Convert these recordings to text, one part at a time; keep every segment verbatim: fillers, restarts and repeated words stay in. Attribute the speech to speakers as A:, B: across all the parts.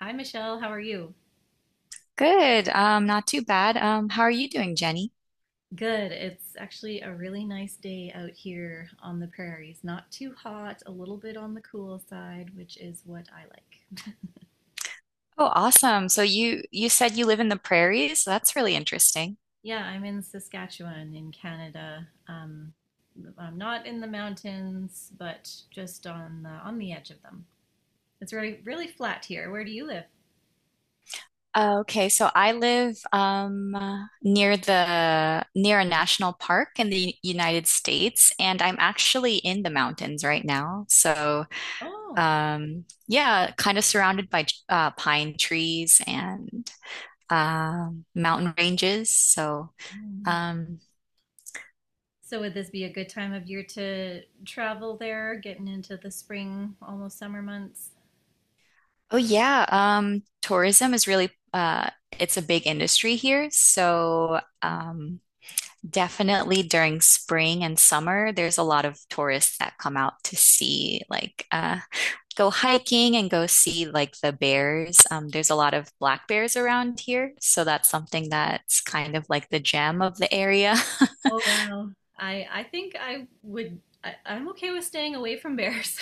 A: Hi, Michelle. How are you?
B: Good. Um, not too bad. Um, how are you doing, Jenny?
A: Good. It's actually a really nice day out here on the prairies. Not too hot, a little bit on the cool side, which is what I like.
B: Oh, awesome. So you you said you live in the prairies. That's really interesting.
A: Yeah, I'm in Saskatchewan in Canada. Um, I'm not in the mountains, but just on the, on the edge of them. It's really really flat here. Where do you live?
B: Uh, okay, so I live um uh, near the near a national park in the United States, and I'm actually in the mountains right now. So
A: Oh.
B: um yeah, kind of surrounded by uh, pine trees and um mountain ranges. So
A: Mm.
B: um
A: So would this be a good time of year to travel there, getting into the spring, almost summer months?
B: Oh yeah, um, tourism is really uh, it's a big industry here. So um, definitely during spring and summer, there's a lot of tourists that come out to see like uh, go hiking and go see like the bears. Um, there's a lot of black bears around here, so that's something that's kind of like the gem of the area.
A: Oh wow. I I think I would I, I'm okay with staying away from bears.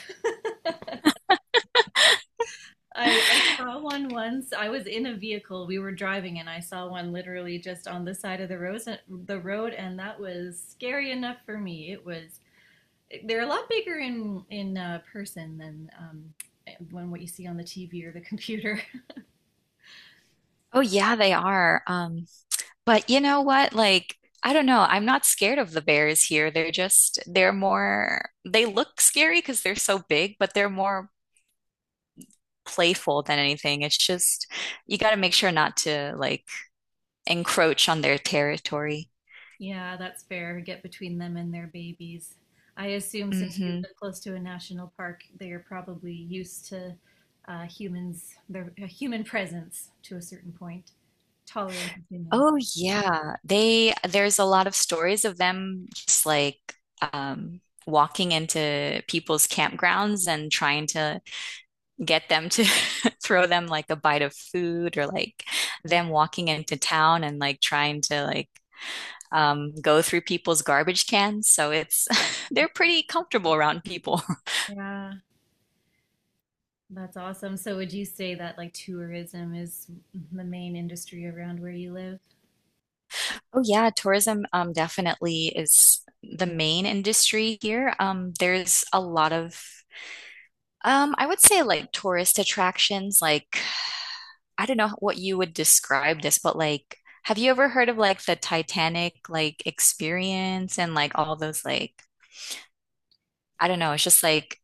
A: I I saw one once. I was in a vehicle. We were driving and I saw one literally just on the side of the road, the road and that was scary enough for me. It was they're a lot bigger in in uh, person than um, eh, when what you see on the T V or the computer.
B: Oh yeah, they are. Um, But you know what? Like, I don't know. I'm not scared of the bears here. They're just, they're more, they look scary because they're so big, but they're more playful than anything. It's just, you got to make sure not to like encroach on their territory.
A: Yeah, that's fair. Get between them and their babies. I assume since you
B: hmm
A: live close to a national park, they are probably used to uh, humans, their uh, human presence to a certain point, tolerant of humans.
B: Oh yeah. They, there's a lot of stories of them just like um walking into people's campgrounds and trying to get them to throw them like a bite of food, or like them walking into town and like trying to like um, go through people's garbage cans. So it's they're pretty comfortable around people.
A: Yeah, that's awesome. So would you say that like tourism is the main industry around where you live?
B: Oh yeah, tourism um, definitely is the main industry here. Um, there's a lot of um, I would say like tourist attractions. Like I don't know what you would describe this, but like have you ever heard of like the Titanic like experience and like all those like I don't know, it's just like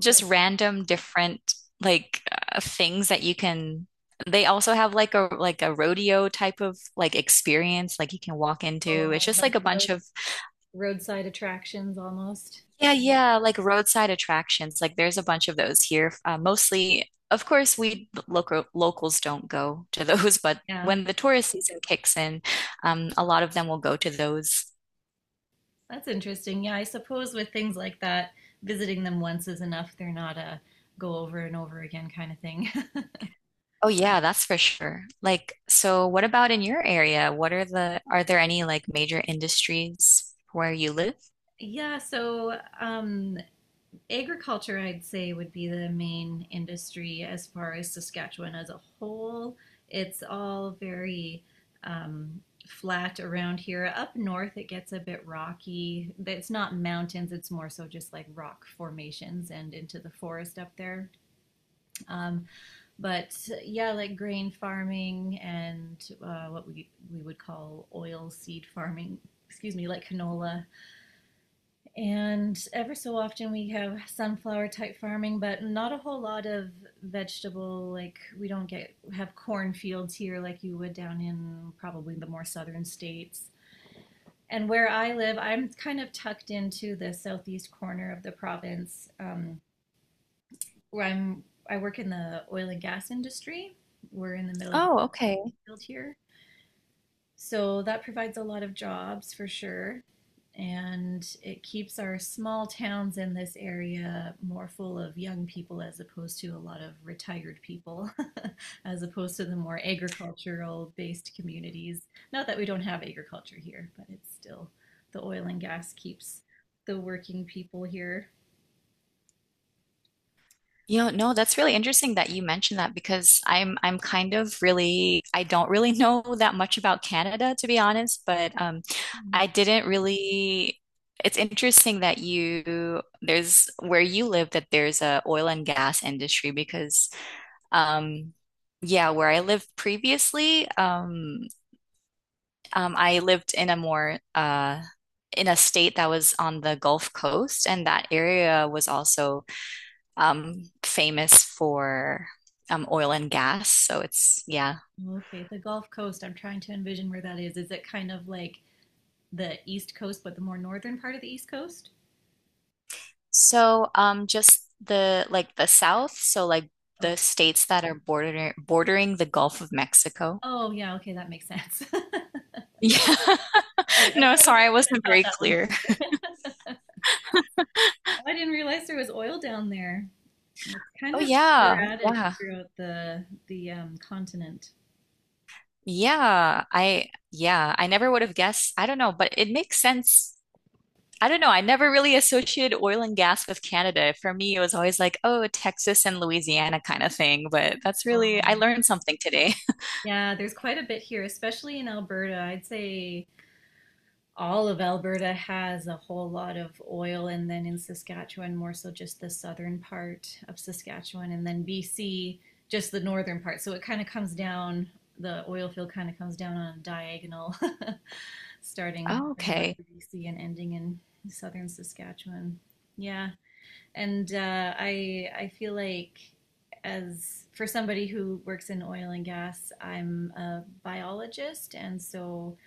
B: just
A: Like,
B: random different like uh, things that you can they also have like a like a rodeo type of like experience like you can walk into. It's
A: oh,
B: just like
A: like
B: a bunch
A: road,
B: of
A: roadside attractions almost?
B: yeah, yeah, like roadside attractions. Like there's a bunch of those here. Uh, mostly, of course, we local locals don't go to those, but
A: Yeah.
B: when the tourist season kicks in, um, a lot of them will go to those.
A: That's interesting. Yeah, I suppose with things like that, visiting them once is enough. They're not a go over and over again kind of thing.
B: Oh yeah, that's for sure. Like, so what about in your area? What are the, are there any like major industries where you live?
A: Yeah, so um, agriculture, I'd say, would be the main industry as far as Saskatchewan as a whole. It's all very um, flat around here. Up north, it gets a bit rocky. But it's not mountains, it's more so just like rock formations and into the forest up there. Um, but uh, yeah, like grain farming and uh, what we we would call oil seed farming. Excuse me, like canola. And ever so often we have sunflower type farming, but not a whole lot of vegetable. Like we don't get have cornfields here like you would down in probably the more southern states. And where I live, I'm kind of tucked into the southeast corner of the province, um, where I'm. I work in the oil and gas industry. We're in the middle of the
B: Oh, okay.
A: field here, so that provides a lot of jobs for sure. And it keeps our small towns in this area more full of young people as opposed to a lot of retired people, as opposed to the more agricultural based communities. Not that we don't have agriculture here, but it's still the oil and gas keeps the working people here.
B: You know, no, that's really interesting that you mentioned that because I'm I'm kind of really I don't really know that much about Canada to be honest, but um
A: Mm.
B: I didn't really it's interesting that you there's where you live that there's a oil and gas industry because um yeah, where I lived previously, um Um, I lived in a more uh, in a state that was on the Gulf Coast, and that area was also um, famous for um, oil and gas. So it's yeah.
A: Okay, the Gulf Coast, I'm trying to envision where that is. Is it kind of like the East Coast, but the more northern part of the East Coast?
B: So um, just the like the South, so like the
A: Oh,
B: states that are border bordering the Gulf of Mexico.
A: oh, yeah, okay, that makes sense. I,
B: Yeah.
A: I
B: No, sorry, I
A: probably could
B: wasn't
A: have thought
B: very
A: that one
B: clear.
A: through. Oh, I didn't realize there was oil down there. It's
B: Oh
A: kind of
B: yeah,
A: sporadic
B: yeah,
A: throughout the the um, continent.
B: yeah. I Yeah, I never would have guessed. I don't know, but it makes sense. I don't know. I never really associated oil and gas with Canada. For me, it was always like, oh, Texas and Louisiana kind of thing. But that's really, I
A: Um,
B: learned something today.
A: yeah, there's quite a bit here, especially in Alberta. I'd say all of Alberta has a whole lot of oil, and then in Saskatchewan, more so just the southern part of Saskatchewan, and then B C, just the northern part. So it kind of comes down, the oil field kind of comes down on a diagonal, starting
B: Oh,
A: up in
B: okay.
A: northern B C and ending in southern Saskatchewan. Yeah, and uh, I I feel like as for somebody who works in oil and gas, I'm a biologist, and so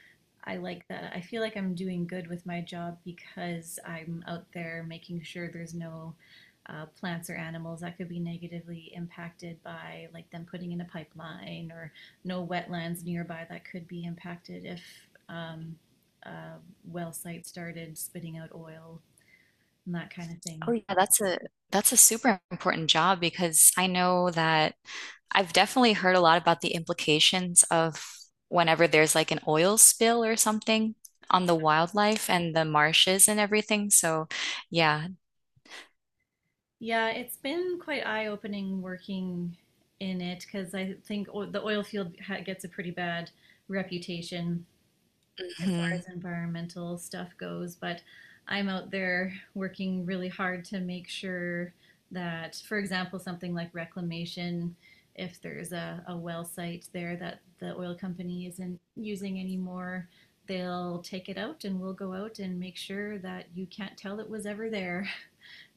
A: I like that. I feel like I'm doing good with my job because I'm out there making sure there's no uh, plants or animals that could be negatively impacted by like them putting in a pipeline or no wetlands nearby that could be impacted if um, a well site started spitting out oil and that kind of
B: Oh,
A: thing.
B: yeah, that's a that's a super important job because I know that I've definitely heard a lot about the implications of whenever there's like an oil spill or something on the wildlife and the marshes and everything. So, yeah.
A: Yeah, it's been quite eye-opening working in it because I think o the oil field ha gets a pretty bad reputation as far
B: hmm
A: as environmental stuff goes, but I'm out there working really hard to make sure that, for example, something like reclamation, if there's a, a well site there that the oil company isn't using anymore, they'll take it out and we'll go out and make sure that you can't tell it was ever there.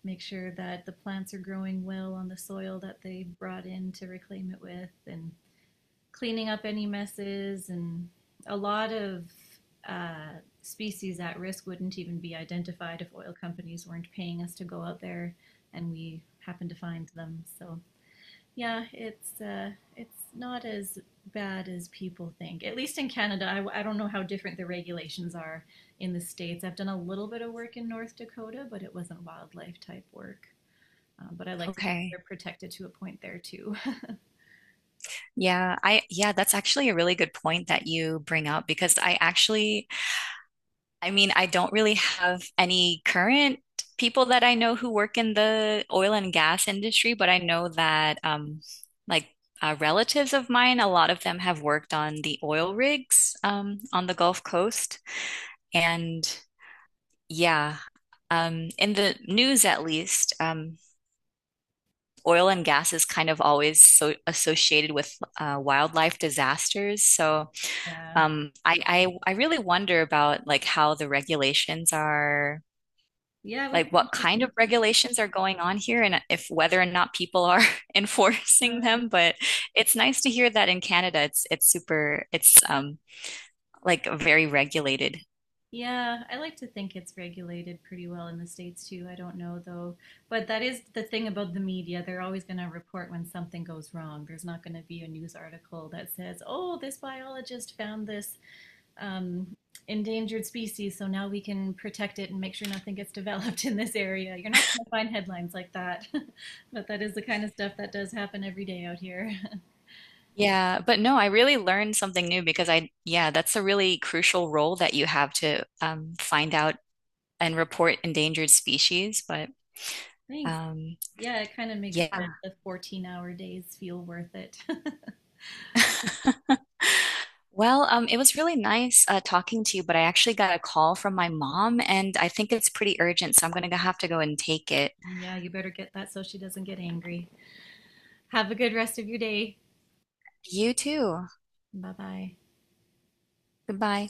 A: Make sure that the plants are growing well on the soil that they brought in to reclaim it with and cleaning up any messes, and a lot of uh, species at risk wouldn't even be identified if oil companies weren't paying us to go out there and we happen to find them. So yeah, it's uh, it's not as bad as people think. At least in Canada, I, I don't know how different the regulations are in the states. I've done a little bit of work in North Dakota, but it wasn't wildlife type work. Um, but I like to think
B: Okay.
A: they're protected to a point there too.
B: Yeah, I yeah, that's actually a really good point that you bring up because I actually, I mean, I don't really have any current people that I know who work in the oil and gas industry, but I know that um like uh, relatives of mine, a lot of them have worked on the oil rigs um on the Gulf Coast. And yeah, um in the news at least, um oil and gas is kind of always so associated with uh, wildlife disasters. So
A: Yeah,
B: Um, I, I I really wonder about like how the regulations are,
A: yeah, it would
B: like
A: be
B: what kind
A: interesting
B: of
A: to.
B: regulations are going on here, and uh, if whether or not people are enforcing
A: Uh,
B: them. But it's nice to hear that in Canada, it's it's super, it's um like very regulated.
A: Yeah, I like to think it's regulated pretty well in the States too. I don't know though. But that is the thing about the media. They're always going to report when something goes wrong. There's not going to be a news article that says, oh, this biologist found this um, endangered species, so now we can protect it and make sure nothing gets developed in this area. You're not going to find headlines like that. But that is the kind of stuff that does happen every day out here.
B: Yeah, but no, I really learned something new because I, yeah, that's a really crucial role that you have to um, find out and report endangered species. But
A: Thanks.
B: um,
A: Yeah, it kind of makes
B: yeah.
A: the fourteen hour days feel worth it.
B: Well, um, it was really nice uh, talking to you, but I actually got a call from my mom, and I think it's pretty urgent, so I'm gonna have to go and take it.
A: Well, yeah, you better get that so she doesn't get angry. Have a good rest of your day.
B: You too.
A: Bye bye.
B: Goodbye.